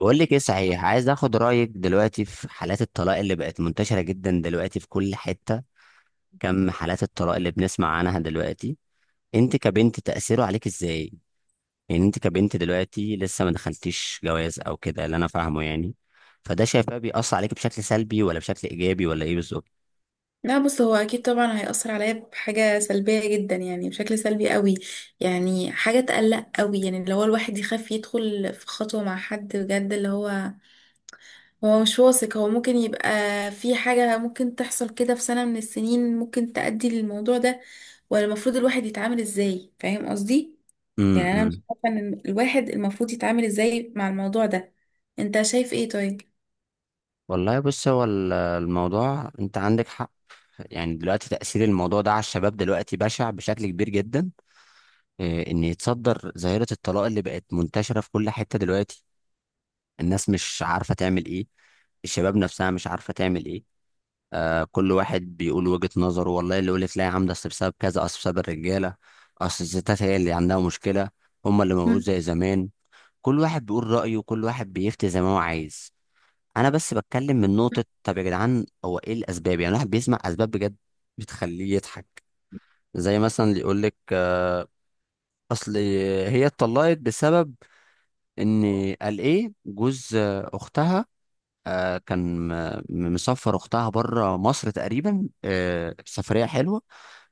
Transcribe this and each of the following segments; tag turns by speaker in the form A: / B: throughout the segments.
A: بقول لك ايه؟ صحيح عايز اخد رايك دلوقتي في حالات الطلاق اللي بقت منتشره جدا دلوقتي في كل حته. كم حالات الطلاق اللي بنسمع عنها دلوقتي؟ انت كبنت تاثيره عليك ازاي؟ يعني انت كبنت دلوقتي لسه ما دخلتيش جواز او كده اللي انا فاهمه يعني. فده شايفاه بيأثر عليك بشكل سلبي ولا بشكل ايجابي ولا ايه بالظبط؟
B: لا، بص، هو اكيد طبعا هيأثر عليا بحاجة سلبية جدا، يعني بشكل سلبي قوي. يعني حاجة تقلق قوي، يعني اللي هو الواحد يخاف يدخل في خطوة مع حد بجد، اللي هو مش واثق. هو ممكن يبقى في حاجة ممكن تحصل كده في سنة من السنين، ممكن تأدي للموضوع ده، ولا المفروض الواحد يتعامل ازاي؟ فاهم قصدي؟
A: امم
B: يعني انا مش
A: امم.
B: عارفة ان الواحد المفروض يتعامل ازاي مع الموضوع ده. انت شايف ايه طيب؟
A: والله بص، هو الموضوع انت عندك حق. يعني دلوقتي تأثير الموضوع ده على الشباب دلوقتي بشع بشكل كبير جدا، ان يتصدر ظاهره الطلاق اللي بقت منتشره في كل حته دلوقتي. الناس مش عارفه تعمل ايه، الشباب نفسها مش عارفه تعمل ايه. كل واحد بيقول وجهه نظره، والله اللي يقول لك لا يا عم ده أصل بسبب كذا، اصل بسبب الرجاله، اصل الستات هي اللي عندها مشكله، هم اللي موجود زي زمان. كل واحد بيقول رايه وكل واحد بيفتي زي ما هو عايز. انا بس بتكلم من نقطه، طب يا جدعان هو ايه الاسباب؟ يعني الواحد بيسمع اسباب بجد بتخليه يضحك، زي مثلا اللي يقول لك اصل هي اتطلقت بسبب ان قال ايه جوز اختها كان مسافر اختها بره مصر تقريبا، سفريه حلوه،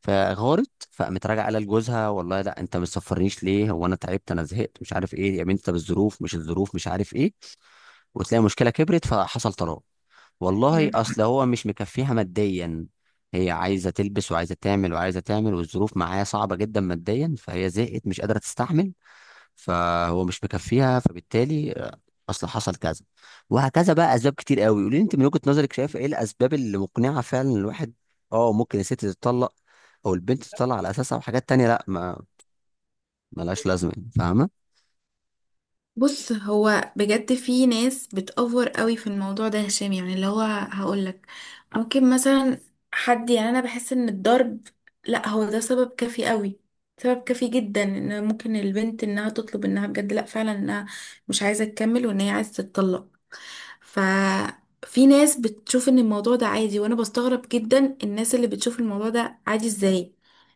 A: فغارت فقامت راجعه قال لجوزها والله لا، انت ما تسفرنيش ليه؟ هو انا تعبت، انا زهقت، مش عارف ايه يا بنت، طب الظروف مش عارف ايه، وتلاقي المشكله كبرت فحصل طلاق. والله
B: مم.
A: اصل هو مش مكفيها ماديا، هي عايزه تلبس وعايزه تعمل وعايزه تعمل والظروف معايا صعبه جدا ماديا، فهي زهقت مش قادره تستحمل، فهو مش مكفيها، فبالتالي اصل حصل كذا وهكذا. بقى اسباب كتير قوي. قولي لي انت من وجهة نظرك شايف ايه الاسباب اللي مقنعة فعلا إن الواحد اه ممكن الست تتطلق او البنت تتطلق على اساسها، وحاجات تانية لا ما ملهاش لازمة يعني، فاهمة؟
B: بص، هو بجد في ناس بتأفور قوي في الموضوع ده يا هشام، يعني اللي هو هقولك ممكن مثلا حد، يعني انا بحس ان الضرب، لا هو ده سبب كافي قوي، سبب كافي جدا ان ممكن البنت انها تطلب، انها بجد لا فعلا انها مش عايزة تكمل، وان هي عايزة تتطلق. ففي ناس بتشوف ان الموضوع ده عادي، وانا بستغرب جدا الناس اللي بتشوف الموضوع ده عادي ازاي.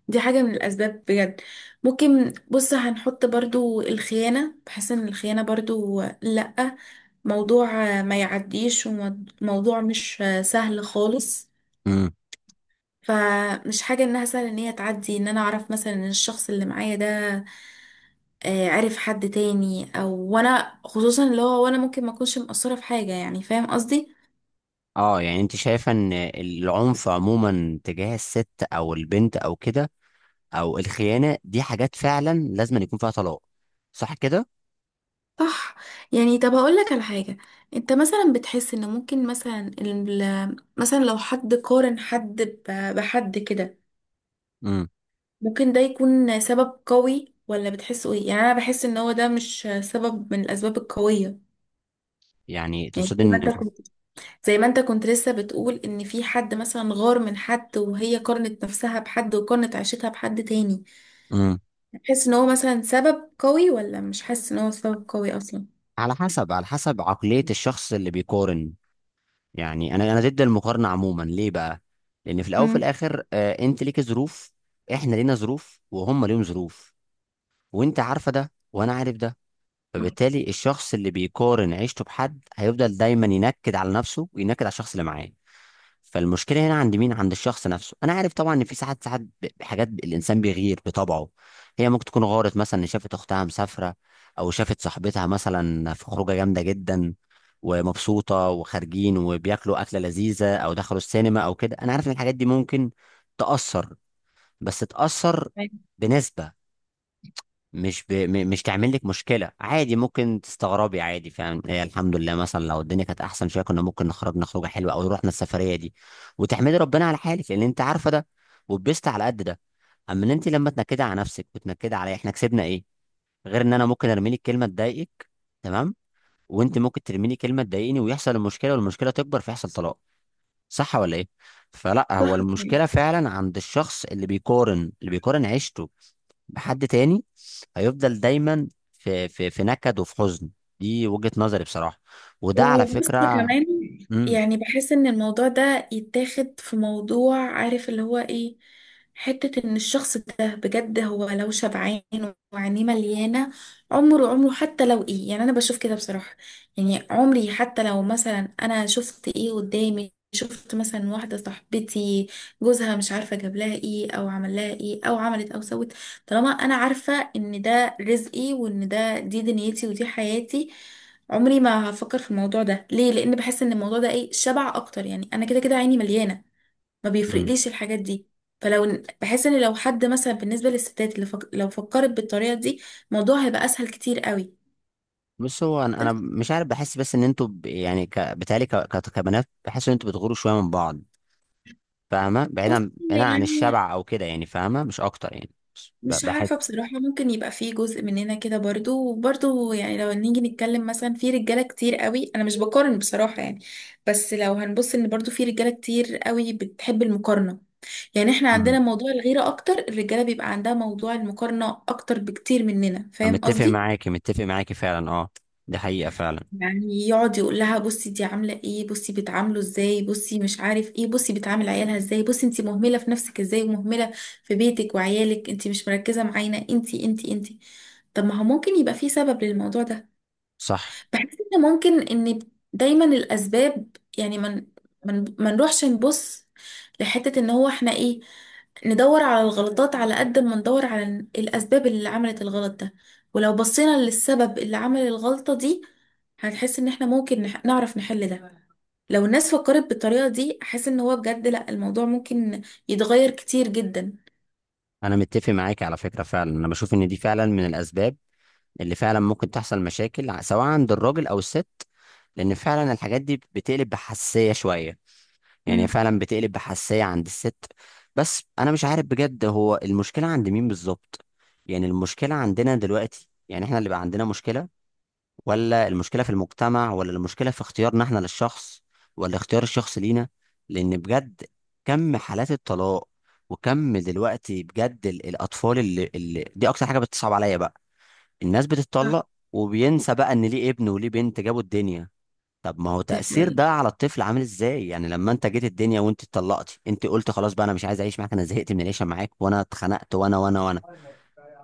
B: دي حاجة من الأسباب بجد. ممكن بص هنحط برضو الخيانة، بحس ان الخيانة برضو لأ، موضوع ما يعديش، وموضوع مش سهل خالص.
A: امم.
B: فمش حاجة انها سهلة ان هي تعدي، ان انا اعرف مثلا ان الشخص اللي معايا ده عارف حد تاني، او وانا خصوصا اللي هو وانا ممكن ما اكونش مقصرة في حاجة، يعني فاهم قصدي؟
A: اه يعني انت شايفة ان العنف عموما تجاه الست او البنت او كده او الخيانة، دي حاجات فعلا لازم يكون فيها طلاق، صح كده؟
B: صح. يعني طب هقول لك على حاجة. انت مثلا بتحس ان ممكن مثلا مثلا لو حد قارن حد بحد كده
A: امم.
B: ممكن ده يكون سبب قوي ولا بتحسه ايه؟ يعني انا بحس ان هو ده مش سبب من الاسباب القوية.
A: يعني
B: يعني
A: تقصد ان
B: زي ما انت كنت لسه بتقول ان في حد مثلا غار من حد، وهي قارنت نفسها بحد وقارنت عيشتها بحد تاني،
A: امم
B: بتحس ان هو مثلا سبب قوي ولا مش حاسس ان هو سبب قوي اصلا؟
A: على حسب على حسب عقلية الشخص اللي بيقارن. يعني انا ضد المقارنه عموما. ليه بقى؟ لان في الاول وفي
B: امم.
A: الاخر انت ليك ظروف، احنا لينا ظروف وهم ليهم ظروف، وانت عارفه ده وانا عارف ده. فبالتالي الشخص اللي بيقارن عيشته بحد هيفضل دايما ينكد على نفسه وينكد على الشخص اللي معاه. فالمشكله هنا عند مين؟ عند الشخص نفسه. انا عارف طبعا ان في ساعات بحاجات الانسان بيغير بطبعه. هي ممكن تكون غارت مثلا إن شافت اختها مسافره، او شافت صاحبتها مثلا في خروجه جامده جدا ومبسوطه وخارجين وبياكلوا اكله لذيذه او دخلوا السينما او كده. انا عارف ان الحاجات دي ممكن تاثر، بس تاثر بنسبه. مش ب... م- مش تعمل لك مشكله عادي ممكن تستغربي عادي، فاهم إيه؟ الحمد لله مثلا لو الدنيا كانت احسن شويه كنا ممكن نخرجنا خروجه حلوه او رحنا السفريه دي، وتحمدي ربنا على حالك لان انت عارفه ده وبست على قد ده. اما ان انت لما تنكدي على نفسك وتنكدي عليا، احنا كسبنا ايه؟ غير ان انا ممكن ارمي لك كلمه تضايقك، تمام، وانت ممكن ترمي لي كلمه تضايقني، ويحصل المشكله والمشكله تكبر فيحصل طلاق، صح ولا ايه؟ فلا، هو
B: صح.
A: المشكله فعلا عند الشخص اللي بيقارن، اللي بيقارن عيشته بحد تاني هيفضل دايما في نكد وفي حزن. دي وجهة نظري بصراحة، وده على
B: وبص
A: فكرة.
B: كمان،
A: امم
B: يعني بحس ان الموضوع ده يتاخد في موضوع، عارف اللي هو ايه؟ حتة ان الشخص ده بجد هو لو شبعان وعينيه مليانة، عمره عمره حتى لو ايه، يعني انا بشوف كده بصراحة. يعني عمري حتى لو مثلا انا شفت ايه قدامي، شفت مثلا واحدة صاحبتي جوزها مش عارفة جاب لها ايه او عمل لها ايه او عملت او سوت، طالما انا عارفة ان ده رزقي وان ده دي دنيتي ودي حياتي، عمري ما هفكر في الموضوع ده. ليه؟ لان بحس ان الموضوع ده ايه شبع اكتر. يعني انا كده كده عيني مليانه، ما
A: امم.
B: بيفرقليش الحاجات دي. فلو بحس ان لو حد مثلا بالنسبه للستات، اللي لو فكرت بالطريقه دي الموضوع هيبقى اسهل كتير قوي.
A: بص هو أنا
B: بس
A: مش عارف، بحس بس ان انتوا بتهيألي كبنات بحس ان انتوا بتغوروا شوية من بعض، فاهمة؟
B: بص،
A: بعيدا بعيدا عن
B: يعني
A: الشبع او كده يعني، فاهمة؟ مش اكتر يعني،
B: مش عارفة
A: بحس.
B: بصراحة، ممكن يبقى في جزء مننا كده برضو، وبرضو يعني لو نيجي نتكلم مثلا في رجالة كتير قوي، أنا مش بقارن بصراحة يعني. بس لو هنبص إن برضو في رجالة كتير قوي بتحب المقارنة. يعني إحنا عندنا
A: امم.
B: موضوع الغيرة أكتر، الرجالة بيبقى عندها موضوع المقارنة أكتر بكتير مننا.
A: أنا
B: فاهم
A: متفق
B: قصدي؟
A: معاكي، متفق معاكي فعلا، اه، دي حقيقة فعلا.
B: يعني يقعد يقول لها بصي دي عامله ايه، بصي بتعامله ازاي، بصي مش عارف ايه، بصي بتعامل عيالها ازاي، بصي انتي مهمله في نفسك ازاي، ومهمله في بيتك وعيالك، انتي مش مركزه معانا، انتي انتي انتي. طب ما هو ممكن يبقى في سبب للموضوع ده.
A: صح،
B: بحس ان ممكن ان دايما الاسباب يعني من ما نروحش نبص لحتة ان هو احنا ايه، ندور على الغلطات على قد ما ندور على الاسباب اللي عملت الغلط ده. ولو بصينا للسبب اللي عمل الغلطة دي هنحس ان احنا ممكن نعرف نحل ده. لو الناس فكرت بالطريقة دي احس ان هو بجد لا الموضوع ممكن يتغير كتير جدا.
A: انا متفق معاكي على فكرة فعلا. انا بشوف ان دي فعلا من الاسباب اللي فعلا ممكن تحصل مشاكل سواء عند الراجل او الست، لان فعلا الحاجات دي بتقلب بحساسيه شويه، يعني
B: مم.
A: فعلا بتقلب بحساسيه عند الست. بس انا مش عارف بجد، هو المشكله عند مين بالظبط؟ يعني المشكله عندنا دلوقتي؟ يعني احنا اللي بقى عندنا مشكله، ولا المشكله في المجتمع، ولا المشكله في اختيارنا احنا للشخص، ولا اختيار الشخص لينا؟ لان بجد كم حالات الطلاق! وكم دلوقتي بجد الاطفال اللي دي اكتر حاجه بتصعب عليا بقى. الناس
B: صح.
A: بتتطلق وبينسى بقى ان ليه ابن وليه بنت جابوا الدنيا. طب ما هو
B: دي
A: تأثير
B: حقيقة.
A: ده على الطفل عامل ازاي؟ يعني لما انت جيت الدنيا وانت اتطلقتي، انت قلت خلاص بقى انا مش عايز اعيش معاك، انا زهقت من العيشه معاك وانا اتخنقت وانا وانا وانا،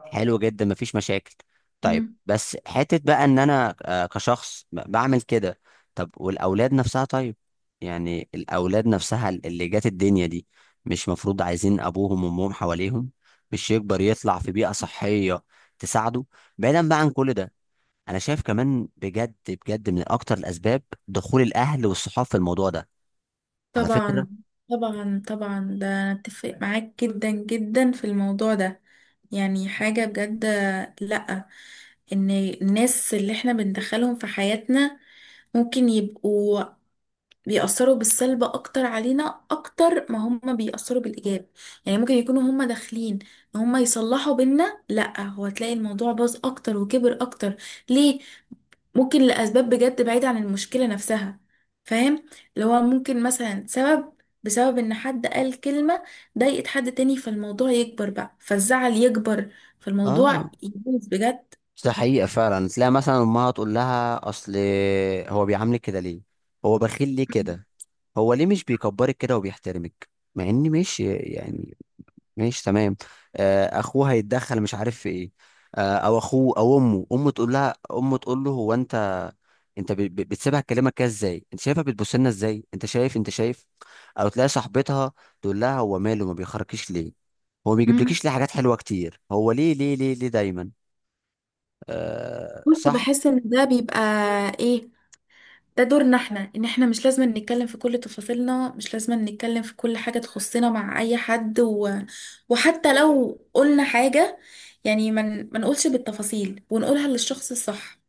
A: حلو جدا مفيش مشاكل. طيب،
B: يعني
A: بس حته بقى ان انا كشخص بعمل كده. طب والاولاد نفسها؟ طيب، يعني الاولاد نفسها اللي جات الدنيا دي مش مفروض عايزين ابوهم وامهم حواليهم؟ مش يكبر يطلع في بيئه صحيه تساعده؟ بعيدا بقى عن كل ده، انا شايف كمان بجد بجد من اكتر الاسباب دخول الاهل والصحاب في الموضوع ده، على فكره.
B: طبعا طبعا طبعا، ده انا اتفق معاك جدا جدا في الموضوع ده. يعني حاجة بجد، لأ. ان الناس اللي احنا بندخلهم في حياتنا ممكن يبقوا بيأثروا بالسلب اكتر علينا اكتر ما هم بيأثروا بالإيجاب. يعني ممكن يكونوا هم داخلين ان هم يصلحوا بينا، لأ هو تلاقي الموضوع باظ اكتر وكبر اكتر. ليه؟ ممكن لأسباب بجد بعيدة عن المشكلة نفسها. فاهم؟ اللي هو ممكن مثلا سبب بسبب ان حد قال كلمة ضايقت حد تاني، فالموضوع يكبر بقى، فالزعل يكبر،
A: اه،
B: فالموضوع يبوظ بجد.
A: ده حقيقه فعلا. تلاقي مثلا امها تقول لها اصل هو بيعاملك كده ليه؟ هو بخيل ليه كده؟ هو ليه مش بيكبرك كده وبيحترمك؟ مع ان ماشي يعني، ماشي تمام. اخوه هيتدخل مش عارف في ايه، او اخوه او امه، امه تقول لها، امه تقول له هو انت، انت بتسيبها تكلمك كده ازاي؟ انت شايفها بتبص لنا ازاي؟ انت شايف انت شايف. او تلاقي صاحبتها تقول لها هو ماله ما بيخرجكيش ليه؟ هو ما
B: مم.
A: بيجيبلكيش ليه حاجات حلوه كتير؟ هو ليه ليه ليه ليه دايما؟ أه
B: كنت
A: صح.
B: بحس ان ده بيبقى ايه، ده دورنا احنا ان احنا مش لازم نتكلم في كل تفاصيلنا، مش لازم نتكلم في كل حاجة تخصنا مع اي حد وحتى لو قلنا حاجة، يعني ما نقولش بالتفاصيل، ونقولها للشخص الصح.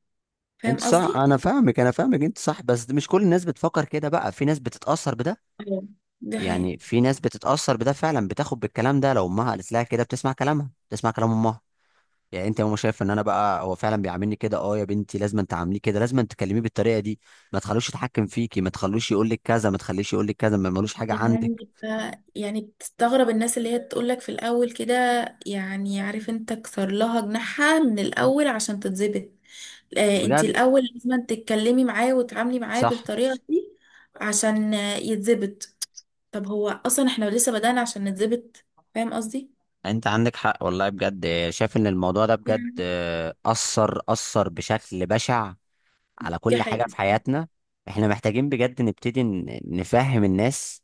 B: فاهم
A: انت صح،
B: قصدي؟
A: انا فاهمك انت صح، بس مش كل الناس بتفكر كده بقى، في ناس بتتاثر بده.
B: أيوة. دي
A: يعني
B: حقيقة.
A: في ناس بتتأثر بده فعلا، بتاخد بالكلام ده، لو امها قالت لها كده بتسمع كلامها، بتسمع كلام امها. يعني انت يا ماما شايف ان انا بقى هو فعلا بيعاملني كده؟ اه يا بنتي لازم انت تعامليه كده، لازم انت تكلميه بالطريقه دي، ما تخلوش يتحكم فيكي، ما تخلوش يقول لك كذا، ما تخليش يقول لك كذا، ما ملوش حاجه عندك.
B: يعني يعني بتستغرب الناس اللي هي تقولك في الأول كده، يعني عارف انت كسر لها جناحها من الأول عشان تتظبط. آه، انت
A: بجد
B: الأول لازم تتكلمي معاه وتتعاملي معاه
A: صح.
B: بالطريقة دي عشان يتظبط. طب هو أصلا احنا لسه بدأنا عشان نتظبط. فاهم قصدي؟
A: انت عندك حق والله، بجد شايف ان الموضوع ده بجد
B: يعني
A: اثر، اثر بشكل بشع على
B: دي
A: كل حاجة
B: حقيقة.
A: في حياتنا. احنا محتاجين بجد نبتدي نفهم الناس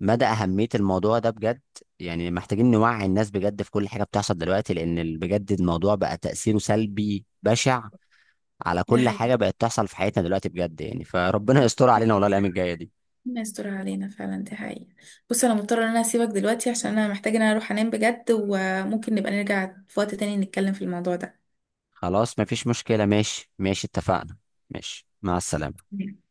A: مدى أهمية الموضوع ده بجد. يعني محتاجين نوعي الناس بجد في كل حاجة بتحصل دلوقتي، لأن بجد الموضوع بقى تأثيره سلبي بشع على
B: دي
A: كل
B: حقيقة.
A: حاجة بقت تحصل في حياتنا دلوقتي بجد يعني، فربنا يستر علينا والله الأيام الجاية دي.
B: ربنا يستر علينا فعلا، دي حقيقة. بص، أنا مضطرة إن أنا أسيبك دلوقتي عشان أنا محتاجة إن أنا أروح أنام بجد، وممكن نبقى نرجع في وقت تاني نتكلم في الموضوع ده.
A: خلاص مفيش مشكلة، ماشي ماشي اتفقنا، ماشي مع السلامة.
B: مم.